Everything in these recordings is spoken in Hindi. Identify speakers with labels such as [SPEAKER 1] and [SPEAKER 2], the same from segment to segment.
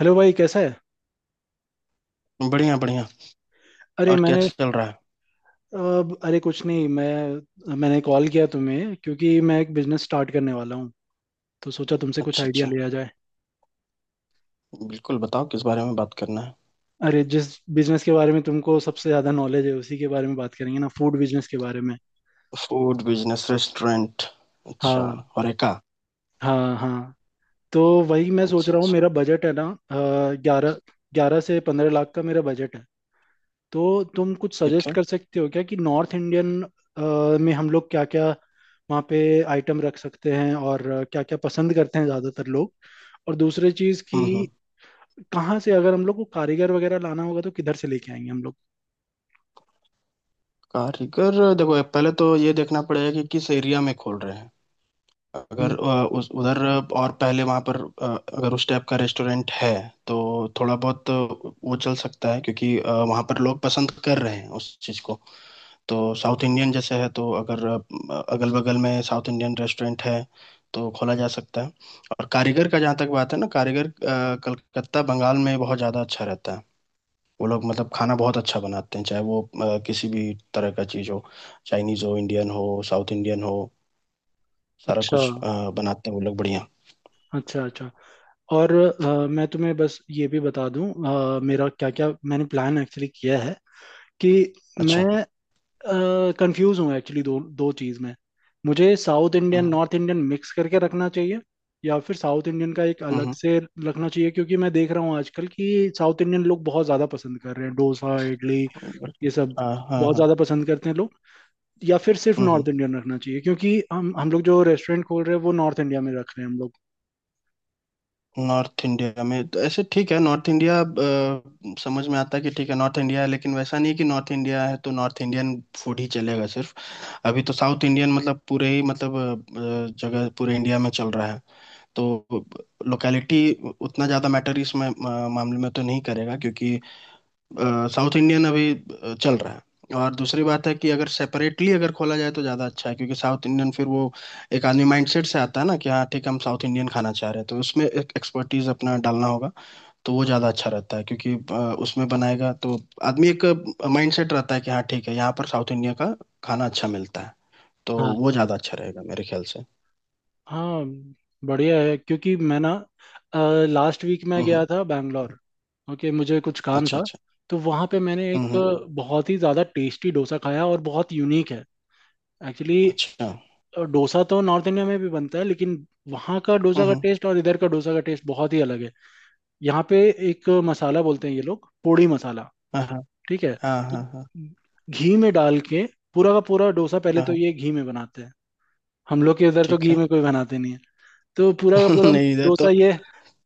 [SPEAKER 1] हेलो भाई, कैसा है?
[SPEAKER 2] बढ़िया बढ़िया।
[SPEAKER 1] अरे,
[SPEAKER 2] और क्या
[SPEAKER 1] मैंने...
[SPEAKER 2] चल रहा है?
[SPEAKER 1] अब, अरे, कुछ नहीं। मैंने कॉल किया तुम्हें क्योंकि मैं एक बिजनेस स्टार्ट करने वाला हूँ। तो सोचा तुमसे कुछ
[SPEAKER 2] अच्छा
[SPEAKER 1] आइडिया
[SPEAKER 2] अच्छा।
[SPEAKER 1] लिया जाए।
[SPEAKER 2] बिल्कुल, बताओ किस बारे में बात करना है।
[SPEAKER 1] अरे, जिस बिजनेस के बारे में तुमको सबसे ज्यादा नॉलेज है उसी के बारे में बात करेंगे ना, फूड बिजनेस के बारे में।
[SPEAKER 2] फूड बिजनेस, रेस्टोरेंट, अच्छा।
[SPEAKER 1] हाँ।
[SPEAKER 2] होरेका।
[SPEAKER 1] हाँ, हाँ। तो वही मैं सोच
[SPEAKER 2] अच्छा
[SPEAKER 1] रहा हूँ,
[SPEAKER 2] अच्छा।
[SPEAKER 1] मेरा बजट है ना। ग्यारह ग्यारह से 15 लाख का मेरा बजट है। तो तुम कुछ
[SPEAKER 2] ठीक
[SPEAKER 1] सजेस्ट
[SPEAKER 2] है।
[SPEAKER 1] कर सकते हो क्या कि नॉर्थ इंडियन में हम लोग क्या क्या वहाँ पे आइटम रख सकते हैं, और क्या क्या पसंद करते हैं ज़्यादातर लोग? और दूसरी चीज़ कि
[SPEAKER 2] हम्म।
[SPEAKER 1] कहाँ से, अगर हम लोग को कारीगर वगैरह लाना होगा, तो किधर से लेके आएंगे हम लोग?
[SPEAKER 2] कारीगर, देखो पहले तो ये देखना पड़ेगा कि किस एरिया में खोल रहे हैं। अगर
[SPEAKER 1] हम्म।
[SPEAKER 2] उस उधर और पहले वहाँ पर अगर उस टाइप का रेस्टोरेंट है तो थोड़ा बहुत वो चल सकता है, क्योंकि वहाँ पर लोग पसंद कर रहे हैं उस चीज़ को। तो साउथ इंडियन जैसे है तो अगर अगल बगल में साउथ इंडियन रेस्टोरेंट है तो खोला जा सकता है। और कारीगर का जहाँ तक बात है ना, कारीगर कलकत्ता बंगाल में बहुत ज़्यादा अच्छा रहता है। वो लोग मतलब खाना बहुत अच्छा बनाते हैं, चाहे वो किसी भी तरह का चीज़ हो, चाइनीज़ हो, इंडियन हो, साउथ इंडियन हो, सारा
[SPEAKER 1] अच्छा,
[SPEAKER 2] कुछ बनाते हैं वो लोग बढ़िया।
[SPEAKER 1] अच्छा, अच्छा। और मैं तुम्हें बस ये भी बता दूं। मेरा क्या क्या मैंने प्लान एक्चुअली किया है, कि मैं
[SPEAKER 2] अच्छा।
[SPEAKER 1] कंफ्यूज हूँ एक्चुअली दो दो चीज़ में। मुझे साउथ इंडियन
[SPEAKER 2] हम्म
[SPEAKER 1] नॉर्थ इंडियन मिक्स करके रखना चाहिए, या फिर साउथ इंडियन का एक अलग
[SPEAKER 2] हम्म।
[SPEAKER 1] से रखना चाहिए क्योंकि मैं देख रहा हूँ आजकल कि साउथ इंडियन लोग बहुत ज़्यादा पसंद कर रहे हैं डोसा, इडली,
[SPEAKER 2] बट-
[SPEAKER 1] ये सब
[SPEAKER 2] हाँ हाँ
[SPEAKER 1] बहुत
[SPEAKER 2] हाँ।
[SPEAKER 1] ज़्यादा पसंद करते हैं लोग? या फिर सिर्फ
[SPEAKER 2] हम्म।
[SPEAKER 1] नॉर्थ इंडियन रखना चाहिए क्योंकि हम लोग जो रेस्टोरेंट खोल रहे हैं वो नॉर्थ इंडिया में रख रहे हैं हम लोग।
[SPEAKER 2] नॉर्थ इंडिया में तो ऐसे ठीक है, नॉर्थ इंडिया समझ में आता है कि ठीक है नॉर्थ इंडिया है, लेकिन वैसा नहीं है कि नॉर्थ इंडिया है तो नॉर्थ इंडियन फूड ही चलेगा सिर्फ। अभी तो साउथ इंडियन मतलब पूरे ही मतलब जगह पूरे इंडिया में चल रहा है। तो लोकेलिटी उतना ज़्यादा मैटर इस मा- मा- मामले में तो नहीं करेगा, क्योंकि साउथ इंडियन अभी चल रहा है। और दूसरी बात है कि अगर सेपरेटली अगर खोला जाए तो ज़्यादा अच्छा है, क्योंकि साउथ इंडियन फिर वो एक आदमी माइंडसेट से आता है ना कि हाँ ठीक है हम साउथ इंडियन खाना चाह रहे हैं, तो उसमें एक एक्सपर्टीज अपना डालना होगा। तो वो ज़्यादा अच्छा रहता है, क्योंकि उसमें बनाएगा तो आदमी एक माइंडसेट रहता है कि हाँ ठीक है यहाँ पर साउथ इंडिया का खाना अच्छा मिलता है। तो वो ज़्यादा अच्छा रहेगा मेरे ख्याल से।
[SPEAKER 1] हाँ, बढ़िया है क्योंकि मैं ना लास्ट वीक मैं गया
[SPEAKER 2] हम्म।
[SPEAKER 1] था बैंगलोर। ओके, मुझे कुछ काम
[SPEAKER 2] अच्छा
[SPEAKER 1] था।
[SPEAKER 2] अच्छा।
[SPEAKER 1] तो वहाँ पे मैंने एक
[SPEAKER 2] हम्म।
[SPEAKER 1] बहुत ही ज़्यादा टेस्टी डोसा खाया, और बहुत यूनिक है एक्चुअली।
[SPEAKER 2] अच्छा।
[SPEAKER 1] डोसा तो नॉर्थ इंडिया में भी बनता है, लेकिन वहाँ का डोसा का
[SPEAKER 2] हम्म।
[SPEAKER 1] टेस्ट और इधर का डोसा का टेस्ट बहुत ही अलग है। यहाँ पे एक मसाला बोलते हैं ये लोग, पोड़ी मसाला।
[SPEAKER 2] हाँ हाँ
[SPEAKER 1] ठीक है।
[SPEAKER 2] हाँ
[SPEAKER 1] तो
[SPEAKER 2] हाँ। हाँ
[SPEAKER 1] घी में डाल के पूरा का पूरा डोसा, पहले
[SPEAKER 2] हाँ
[SPEAKER 1] तो
[SPEAKER 2] हाँ,
[SPEAKER 1] ये घी में बनाते हैं। हम लोग के इधर तो
[SPEAKER 2] ठीक
[SPEAKER 1] घी
[SPEAKER 2] है।
[SPEAKER 1] में कोई बनाते नहीं है। तो पूरा का पूरा हम
[SPEAKER 2] नहीं, इधर
[SPEAKER 1] डोसा
[SPEAKER 2] तो।
[SPEAKER 1] ये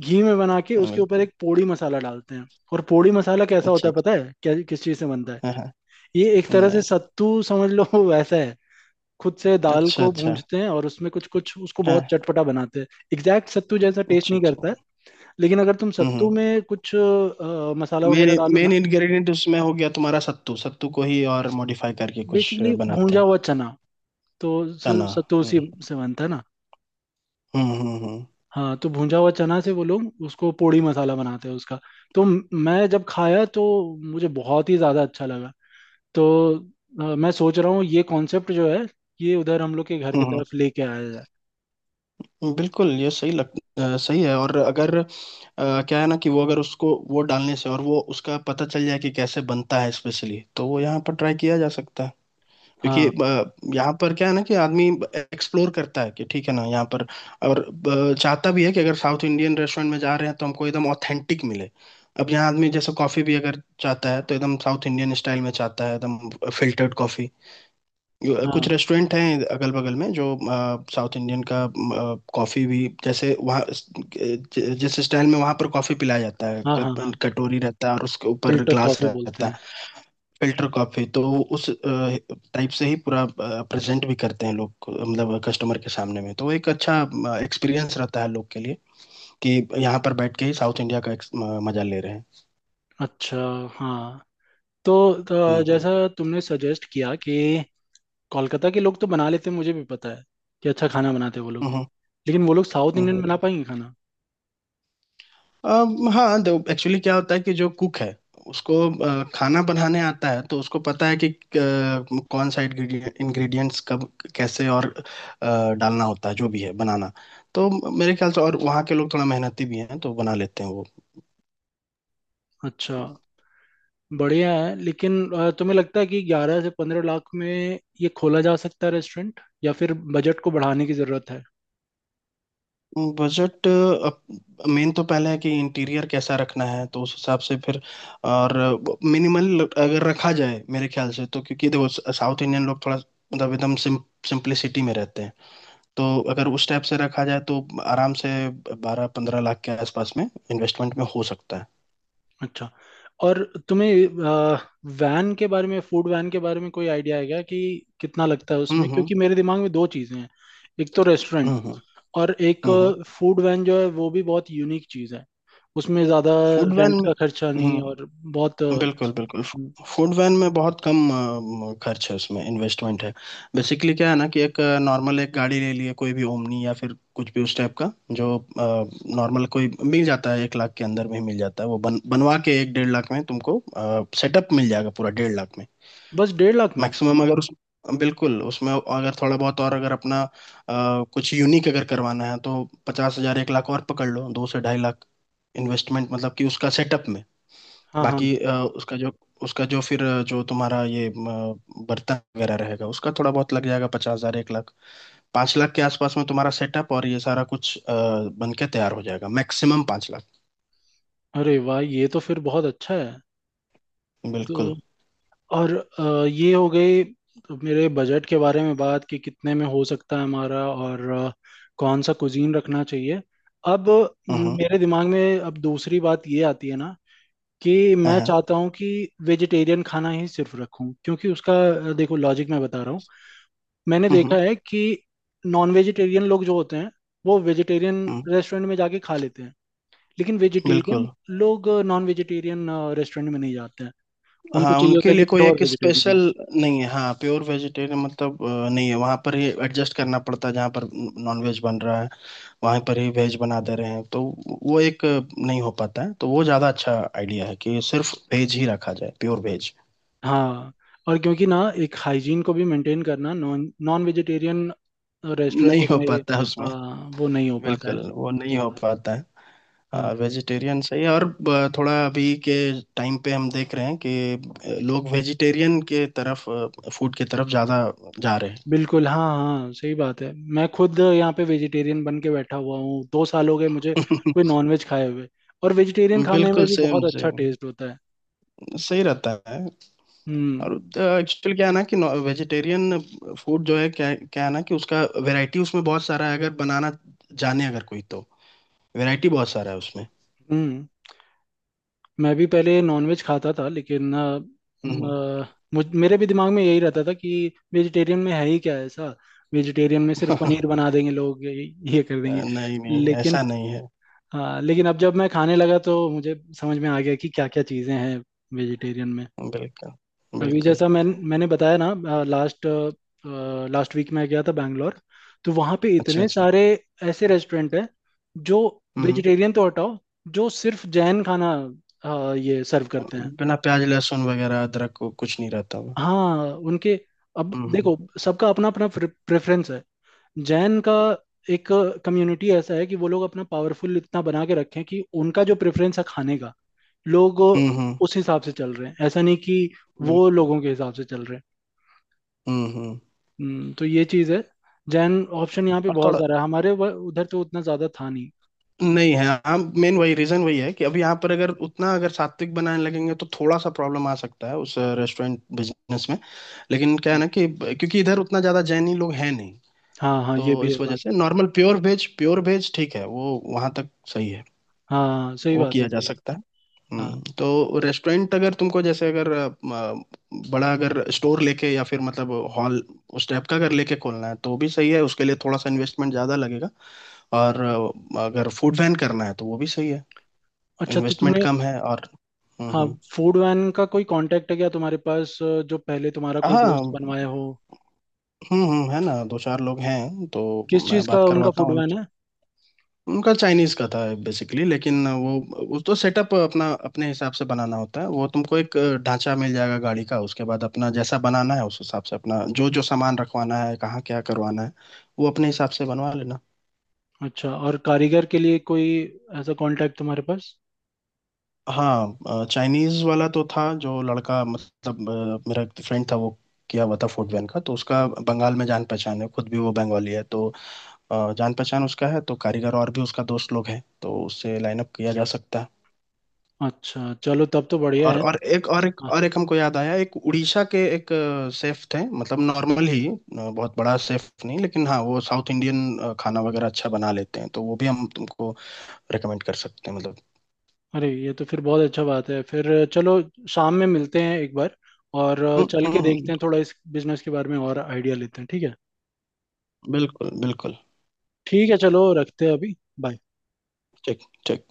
[SPEAKER 1] घी में बना के उसके ऊपर
[SPEAKER 2] बिल्कुल।
[SPEAKER 1] एक पोड़ी मसाला डालते हैं। और पोड़ी मसाला कैसा होता
[SPEAKER 2] अच्छा।
[SPEAKER 1] है, पता है क्या किस चीज से बनता है?
[SPEAKER 2] हाँ हाँ।
[SPEAKER 1] ये एक
[SPEAKER 2] नहीं
[SPEAKER 1] तरह से
[SPEAKER 2] नहीं।
[SPEAKER 1] सत्तू समझ लो, वैसा है। खुद से दाल
[SPEAKER 2] अच्छा
[SPEAKER 1] को
[SPEAKER 2] अच्छा।
[SPEAKER 1] भूंजते हैं और उसमें कुछ कुछ उसको
[SPEAKER 2] हाँ।
[SPEAKER 1] बहुत चटपटा बनाते हैं। एग्जैक्ट सत्तू जैसा टेस्ट
[SPEAKER 2] अच्छा
[SPEAKER 1] नहीं
[SPEAKER 2] अच्छा।
[SPEAKER 1] करता है, लेकिन अगर तुम सत्तू
[SPEAKER 2] हम्म।
[SPEAKER 1] में कुछ मसाला
[SPEAKER 2] मेन
[SPEAKER 1] वगैरह डालो
[SPEAKER 2] मेन
[SPEAKER 1] ना।
[SPEAKER 2] इंग्रेडिएंट उसमें हो गया तुम्हारा सत्तू। सत्तू को ही और मॉडिफाई करके कुछ
[SPEAKER 1] बेसिकली
[SPEAKER 2] बनाते
[SPEAKER 1] भूंजा
[SPEAKER 2] हैं।
[SPEAKER 1] हुआ चना, तो
[SPEAKER 2] है ना।
[SPEAKER 1] सत्तू उसी
[SPEAKER 2] हम्म
[SPEAKER 1] से बनता है ना।
[SPEAKER 2] हम्म।
[SPEAKER 1] हाँ, तो भुंजा हुआ चना से वो लोग उसको पोड़ी मसाला बनाते हैं उसका। तो मैं जब खाया तो मुझे बहुत ही ज़्यादा अच्छा लगा। तो मैं सोच रहा हूँ ये कॉन्सेप्ट जो है, ये उधर हम लोग के घर की
[SPEAKER 2] हम्म।
[SPEAKER 1] तरफ लेके आया जाए।
[SPEAKER 2] बिल्कुल ये सही लग। सही है। और अगर क्या है ना कि वो अगर उसको वो डालने से और वो उसका पता चल जाए कि कैसे बनता है स्पेशली तो वो यहाँ पर ट्राई किया जा सकता है। क्योंकि
[SPEAKER 1] हाँ,
[SPEAKER 2] यहाँ पर क्या है ना कि आदमी एक्सप्लोर करता है कि ठीक है ना यहाँ पर। और चाहता भी है कि अगर साउथ इंडियन रेस्टोरेंट में जा रहे हैं तो हमको एकदम ऑथेंटिक मिले। अब यहाँ आदमी जैसे कॉफी भी अगर चाहता है तो एकदम साउथ इंडियन स्टाइल में चाहता है, एकदम फिल्टर्ड कॉफी। कुछ
[SPEAKER 1] हाँ,
[SPEAKER 2] रेस्टोरेंट हैं अगल बगल में जो साउथ इंडियन का कॉफ़ी भी, जैसे वहाँ जिस स्टाइल में वहाँ पर कॉफ़ी पिलाया जाता है,
[SPEAKER 1] हाँ, हाँ,
[SPEAKER 2] कप
[SPEAKER 1] हाँ।
[SPEAKER 2] कटोरी रहता है और उसके ऊपर
[SPEAKER 1] फिल्टर
[SPEAKER 2] ग्लास
[SPEAKER 1] कॉफ़ी बोलते
[SPEAKER 2] रहता है।
[SPEAKER 1] हैं।
[SPEAKER 2] फिल्टर कॉफ़ी तो उस टाइप से ही पूरा प्रेजेंट भी करते हैं लोग को, मतलब कस्टमर के सामने में। तो वो एक अच्छा एक्सपीरियंस रहता है लोग के लिए कि यहाँ पर बैठ के ही साउथ इंडिया का मजा ले रहे हैं।
[SPEAKER 1] अच्छा। हाँ। तो,
[SPEAKER 2] हम्म
[SPEAKER 1] तो जैसा
[SPEAKER 2] हम्म
[SPEAKER 1] तुमने सजेस्ट किया कि कोलकाता के लोग तो बना लेते हैं, मुझे भी पता है कि अच्छा खाना बनाते हैं वो लोग,
[SPEAKER 2] हम्म
[SPEAKER 1] लेकिन वो लोग साउथ
[SPEAKER 2] हम्म
[SPEAKER 1] इंडियन
[SPEAKER 2] हम्म।
[SPEAKER 1] बना पाएंगे खाना?
[SPEAKER 2] हाँ, तो एक्चुअली क्या होता है कि जो कुक है उसको खाना बनाने आता है, तो उसको पता है कि कौन सा इंग्रेडिएंट्स कब कैसे और डालना होता है जो भी है बनाना। तो मेरे ख्याल से और वहाँ के लोग थोड़ा मेहनती भी हैं तो बना लेते हैं वो।
[SPEAKER 1] अच्छा, बढ़िया है। लेकिन तुम्हें लगता है कि 11 से 15 लाख में ये खोला जा सकता है रेस्टोरेंट, या फिर बजट को बढ़ाने की जरूरत है?
[SPEAKER 2] बजट मेन तो पहले है कि इंटीरियर कैसा रखना है, तो उस हिसाब से फिर। और मिनिमल अगर रखा जाए मेरे ख्याल से तो, क्योंकि देखो साउथ इंडियन लोग थोड़ा मतलब एकदम सिंप्लिसिटी में रहते हैं। तो अगर उस टाइप से रखा जाए तो आराम से बारह पंद्रह लाख के आसपास में इन्वेस्टमेंट में हो सकता है।
[SPEAKER 1] अच्छा, और तुम्हें वैन के बारे में, फूड वैन के बारे में कोई आइडिया है क्या, कि कितना लगता है उसमें?
[SPEAKER 2] हम्म।
[SPEAKER 1] क्योंकि मेरे दिमाग में दो चीजें हैं, एक तो रेस्टोरेंट
[SPEAKER 2] हम्म
[SPEAKER 1] और एक
[SPEAKER 2] हम्म।
[SPEAKER 1] फूड वैन, जो है वो भी बहुत यूनिक चीज है। उसमें ज्यादा
[SPEAKER 2] फूड वैन
[SPEAKER 1] रेंट
[SPEAKER 2] में।
[SPEAKER 1] का खर्चा नहीं, और
[SPEAKER 2] हम्म।
[SPEAKER 1] बहुत
[SPEAKER 2] बिल्कुल बिल्कुल। फूड वैन में बहुत कम खर्च है, उसमें इन्वेस्टमेंट है। बेसिकली क्या है ना कि एक नॉर्मल एक गाड़ी ले लिए, कोई भी ओमनी या फिर कुछ भी उस टाइप का, जो नॉर्मल कोई मिल जाता है एक लाख के अंदर में ही मिल जाता है, वो बन बनवा के एक डेढ़ लाख में तुमको सेटअप मिल जाएगा पूरा डेढ़ लाख में।
[SPEAKER 1] बस 1.5 लाख में?
[SPEAKER 2] मैक्सिमम अगर उस बिल्कुल, उसमें अगर थोड़ा बहुत और अगर अपना कुछ यूनिक अगर करवाना है तो पचास हजार एक लाख और पकड़ लो, दो से ढाई लाख इन्वेस्टमेंट, मतलब कि उसका सेटअप में।
[SPEAKER 1] हाँ, हाँ।
[SPEAKER 2] बाकी उसका जो फिर जो तुम्हारा ये बर्तन वगैरह रहेगा उसका थोड़ा बहुत लग जाएगा पचास हजार एक लाख। पाँच लाख के आसपास में तुम्हारा सेटअप और ये सारा कुछ बन के तैयार हो जाएगा, मैक्सिमम पाँच लाख।
[SPEAKER 1] अरे वाह, ये तो फिर बहुत अच्छा है। तो
[SPEAKER 2] बिल्कुल।
[SPEAKER 1] और ये हो गई मेरे बजट के बारे में बात, कि कितने में हो सकता है हमारा, और कौन सा कुजीन रखना चाहिए। अब
[SPEAKER 2] हम्म।
[SPEAKER 1] मेरे दिमाग में अब दूसरी बात ये आती है ना, कि
[SPEAKER 2] हाँ
[SPEAKER 1] मैं
[SPEAKER 2] हाँ।
[SPEAKER 1] चाहता हूँ कि वेजिटेरियन खाना ही सिर्फ रखूं, क्योंकि उसका देखो, लॉजिक मैं बता रहा हूँ। मैंने देखा
[SPEAKER 2] हम्म
[SPEAKER 1] है कि नॉन वेजिटेरियन लोग जो होते हैं वो वेजिटेरियन
[SPEAKER 2] हम्म।
[SPEAKER 1] रेस्टोरेंट में जाके खा लेते हैं, लेकिन वेजिटेरियन
[SPEAKER 2] बिल्कुल।
[SPEAKER 1] लोग नॉन वेजिटेरियन रेस्टोरेंट में नहीं जाते हैं। उनको
[SPEAKER 2] हाँ,
[SPEAKER 1] चाहिए होता
[SPEAKER 2] उनके
[SPEAKER 1] है
[SPEAKER 2] लिए
[SPEAKER 1] कि
[SPEAKER 2] कोई
[SPEAKER 1] प्योर
[SPEAKER 2] एक
[SPEAKER 1] वेजिटेरियन।
[SPEAKER 2] स्पेशल नहीं है। हाँ, प्योर वेजिटेरियन मतलब नहीं है, वहाँ पर ही एडजस्ट करना पड़ता है जहाँ पर नॉन वेज बन रहा है, वहाँ पर ही वेज बना दे रहे हैं। तो वो एक नहीं हो पाता है। तो वो ज़्यादा अच्छा आइडिया है कि सिर्फ वेज ही रखा जाए, प्योर वेज।
[SPEAKER 1] हाँ, और क्योंकि ना एक हाइजीन को भी मेंटेन करना नॉन नॉन वेजिटेरियन
[SPEAKER 2] नहीं
[SPEAKER 1] रेस्टोरेंट
[SPEAKER 2] हो
[SPEAKER 1] में।
[SPEAKER 2] पाता है उसमें।
[SPEAKER 1] हाँ, वो नहीं हो पाता है।
[SPEAKER 2] बिल्कुल वो नहीं हो पाता
[SPEAKER 1] हाँ।
[SPEAKER 2] है। वेजिटेरियन सही है। और थोड़ा अभी के टाइम पे हम देख रहे हैं कि लोग वेजिटेरियन के तरफ, फूड की तरफ ज़्यादा जा रहे
[SPEAKER 1] बिल्कुल, हाँ, हाँ, सही बात है। मैं खुद यहाँ पे वेजिटेरियन बन के बैठा हुआ हूँ, 2 साल हो गए मुझे
[SPEAKER 2] हैं।
[SPEAKER 1] कोई नॉनवेज खाए हुए। और वेजिटेरियन खाने में
[SPEAKER 2] बिल्कुल
[SPEAKER 1] भी
[SPEAKER 2] सेम
[SPEAKER 1] बहुत अच्छा
[SPEAKER 2] सेम
[SPEAKER 1] टेस्ट होता है।
[SPEAKER 2] सही रहता है।
[SPEAKER 1] हम्म।
[SPEAKER 2] और एक्चुअली क्या है ना कि वेजिटेरियन फूड जो है क्या क्या है ना कि उसका वैरायटी उसमें बहुत सारा है। अगर बनाना जाने अगर कोई तो वैरायटी बहुत सारा है उसमें।
[SPEAKER 1] हम्म। मैं भी पहले नॉनवेज खाता था, लेकिन अ,
[SPEAKER 2] हम्म
[SPEAKER 1] म,
[SPEAKER 2] हम्म।
[SPEAKER 1] अ, मुझ मेरे भी दिमाग में यही रहता था कि वेजिटेरियन में है ही क्या ऐसा? वेजिटेरियन में सिर्फ पनीर बना देंगे लोग, ये कर देंगे।
[SPEAKER 2] नहीं नहीं,
[SPEAKER 1] लेकिन
[SPEAKER 2] ऐसा नहीं है।
[SPEAKER 1] हाँ, लेकिन अब जब मैं खाने लगा तो मुझे समझ में आ गया कि क्या क्या चीज़ें हैं वेजिटेरियन में।
[SPEAKER 2] बिल्कुल
[SPEAKER 1] अभी
[SPEAKER 2] बिल्कुल।
[SPEAKER 1] जैसा मैं... मैंने बताया ना लास्ट लास्ट वीक मैं गया था बैंगलोर। तो वहाँ पे
[SPEAKER 2] अच्छा
[SPEAKER 1] इतने
[SPEAKER 2] अच्छा।
[SPEAKER 1] सारे ऐसे रेस्टोरेंट हैं जो
[SPEAKER 2] हम्म
[SPEAKER 1] वेजिटेरियन तो हटाओ, जो सिर्फ जैन खाना ये सर्व करते हैं।
[SPEAKER 2] बिना प्याज लहसुन वगैरह अदरक को कुछ नहीं रहता हुआ।
[SPEAKER 1] हाँ, उनके... अब
[SPEAKER 2] हम्म हम्म
[SPEAKER 1] देखो, सबका अपना अपना प्रेफरेंस है। जैन का एक कम्युनिटी ऐसा है कि वो लोग अपना पावरफुल इतना बना के रखे हैं कि उनका जो प्रेफरेंस है खाने का, लोग
[SPEAKER 2] हम्म, हम्म।
[SPEAKER 1] उस हिसाब से चल रहे हैं, ऐसा नहीं कि वो
[SPEAKER 2] बिल्कुल।
[SPEAKER 1] लोगों के हिसाब से चल रहे हैं।
[SPEAKER 2] हम्म।
[SPEAKER 1] हम्म। तो ये चीज़ है। जैन ऑप्शन यहाँ पे
[SPEAKER 2] और
[SPEAKER 1] बहुत
[SPEAKER 2] थोड़ा
[SPEAKER 1] सारा है, हमारे उधर तो उतना ज़्यादा था नहीं।
[SPEAKER 2] नहीं है, हम मेन वही रीजन वही है कि अभी यहाँ पर अगर उतना अगर सात्विक बनाने लगेंगे तो थोड़ा सा प्रॉब्लम आ सकता है उस रेस्टोरेंट बिजनेस में। लेकिन क्या है ना कि क्योंकि इधर उतना ज्यादा जैनी लोग हैं नहीं।
[SPEAKER 1] हाँ, हाँ, ये
[SPEAKER 2] तो
[SPEAKER 1] भी है
[SPEAKER 2] इस वजह
[SPEAKER 1] बात।
[SPEAKER 2] से normal pure veg, pure veg ठीक है, वो वहां तक सही है।
[SPEAKER 1] हाँ, सही
[SPEAKER 2] वो
[SPEAKER 1] बात है,
[SPEAKER 2] किया जा
[SPEAKER 1] सही बात।
[SPEAKER 2] सकता है।
[SPEAKER 1] हाँ।
[SPEAKER 2] तो रेस्टोरेंट अगर तुमको जैसे अगर बड़ा अगर स्टोर लेके या फिर मतलब हॉल, उस टाइप का अगर लेके खोलना है तो भी सही है, उसके लिए थोड़ा सा इन्वेस्टमेंट ज्यादा लगेगा। और अगर फूड वैन करना है तो वो भी सही है,
[SPEAKER 1] अच्छा, तो
[SPEAKER 2] इन्वेस्टमेंट
[SPEAKER 1] तुमने...
[SPEAKER 2] कम है। और
[SPEAKER 1] हाँ,
[SPEAKER 2] हम्म।
[SPEAKER 1] फूड वैन का कोई कांटेक्ट है क्या तुम्हारे पास, जो पहले तुम्हारा कोई दोस्त
[SPEAKER 2] हाँ।
[SPEAKER 1] बनवाया हो?
[SPEAKER 2] हम्म, है ना, दो चार लोग हैं तो
[SPEAKER 1] किस
[SPEAKER 2] मैं
[SPEAKER 1] चीज़ का
[SPEAKER 2] बात
[SPEAKER 1] उनका
[SPEAKER 2] करवाता
[SPEAKER 1] फूड
[SPEAKER 2] हूँ
[SPEAKER 1] वैन
[SPEAKER 2] उनसे।
[SPEAKER 1] है?
[SPEAKER 2] उनका चाइनीज का था बेसिकली, लेकिन वो उस तो सेटअप अपना अपने हिसाब से बनाना होता है। वो तुमको एक ढांचा मिल जाएगा गाड़ी का, उसके बाद अपना जैसा बनाना है उस हिसाब से अपना जो जो सामान रखवाना है कहाँ क्या करवाना है वो अपने हिसाब से बनवा लेना।
[SPEAKER 1] अच्छा, और कारीगर के लिए कोई ऐसा कांटेक्ट तुम्हारे पास?
[SPEAKER 2] हाँ, चाइनीज वाला तो था जो लड़का, मतलब मेरा एक फ्रेंड था वो किया हुआ था फूड वैन का, तो उसका बंगाल में जान पहचान है, खुद भी वो बंगाली है। तो जान पहचान उसका है, तो कारीगर और भी उसका दोस्त लोग हैं, तो उससे लाइनअप किया जा सकता है।
[SPEAKER 1] अच्छा, चलो, तब तो बढ़िया है। हाँ।
[SPEAKER 2] और एक हमको याद आया, एक उड़ीसा के एक सेफ थे, मतलब नॉर्मल ही बहुत बड़ा सेफ नहीं, लेकिन हाँ वो साउथ इंडियन खाना वगैरह अच्छा बना लेते हैं, तो वो भी हम तुमको रेकमेंड कर सकते हैं मतलब।
[SPEAKER 1] अरे, ये तो फिर बहुत अच्छा बात है। फिर चलो, शाम में मिलते हैं एक बार, और
[SPEAKER 2] हम्म
[SPEAKER 1] चल के
[SPEAKER 2] हम्म हम्म,
[SPEAKER 1] देखते हैं थोड़ा इस बिजनेस के बारे में और आइडिया लेते हैं, ठीक है?
[SPEAKER 2] बिल्कुल बिल्कुल।
[SPEAKER 1] ठीक है, चलो, रखते हैं अभी। Bye.
[SPEAKER 2] ठीक ठीक।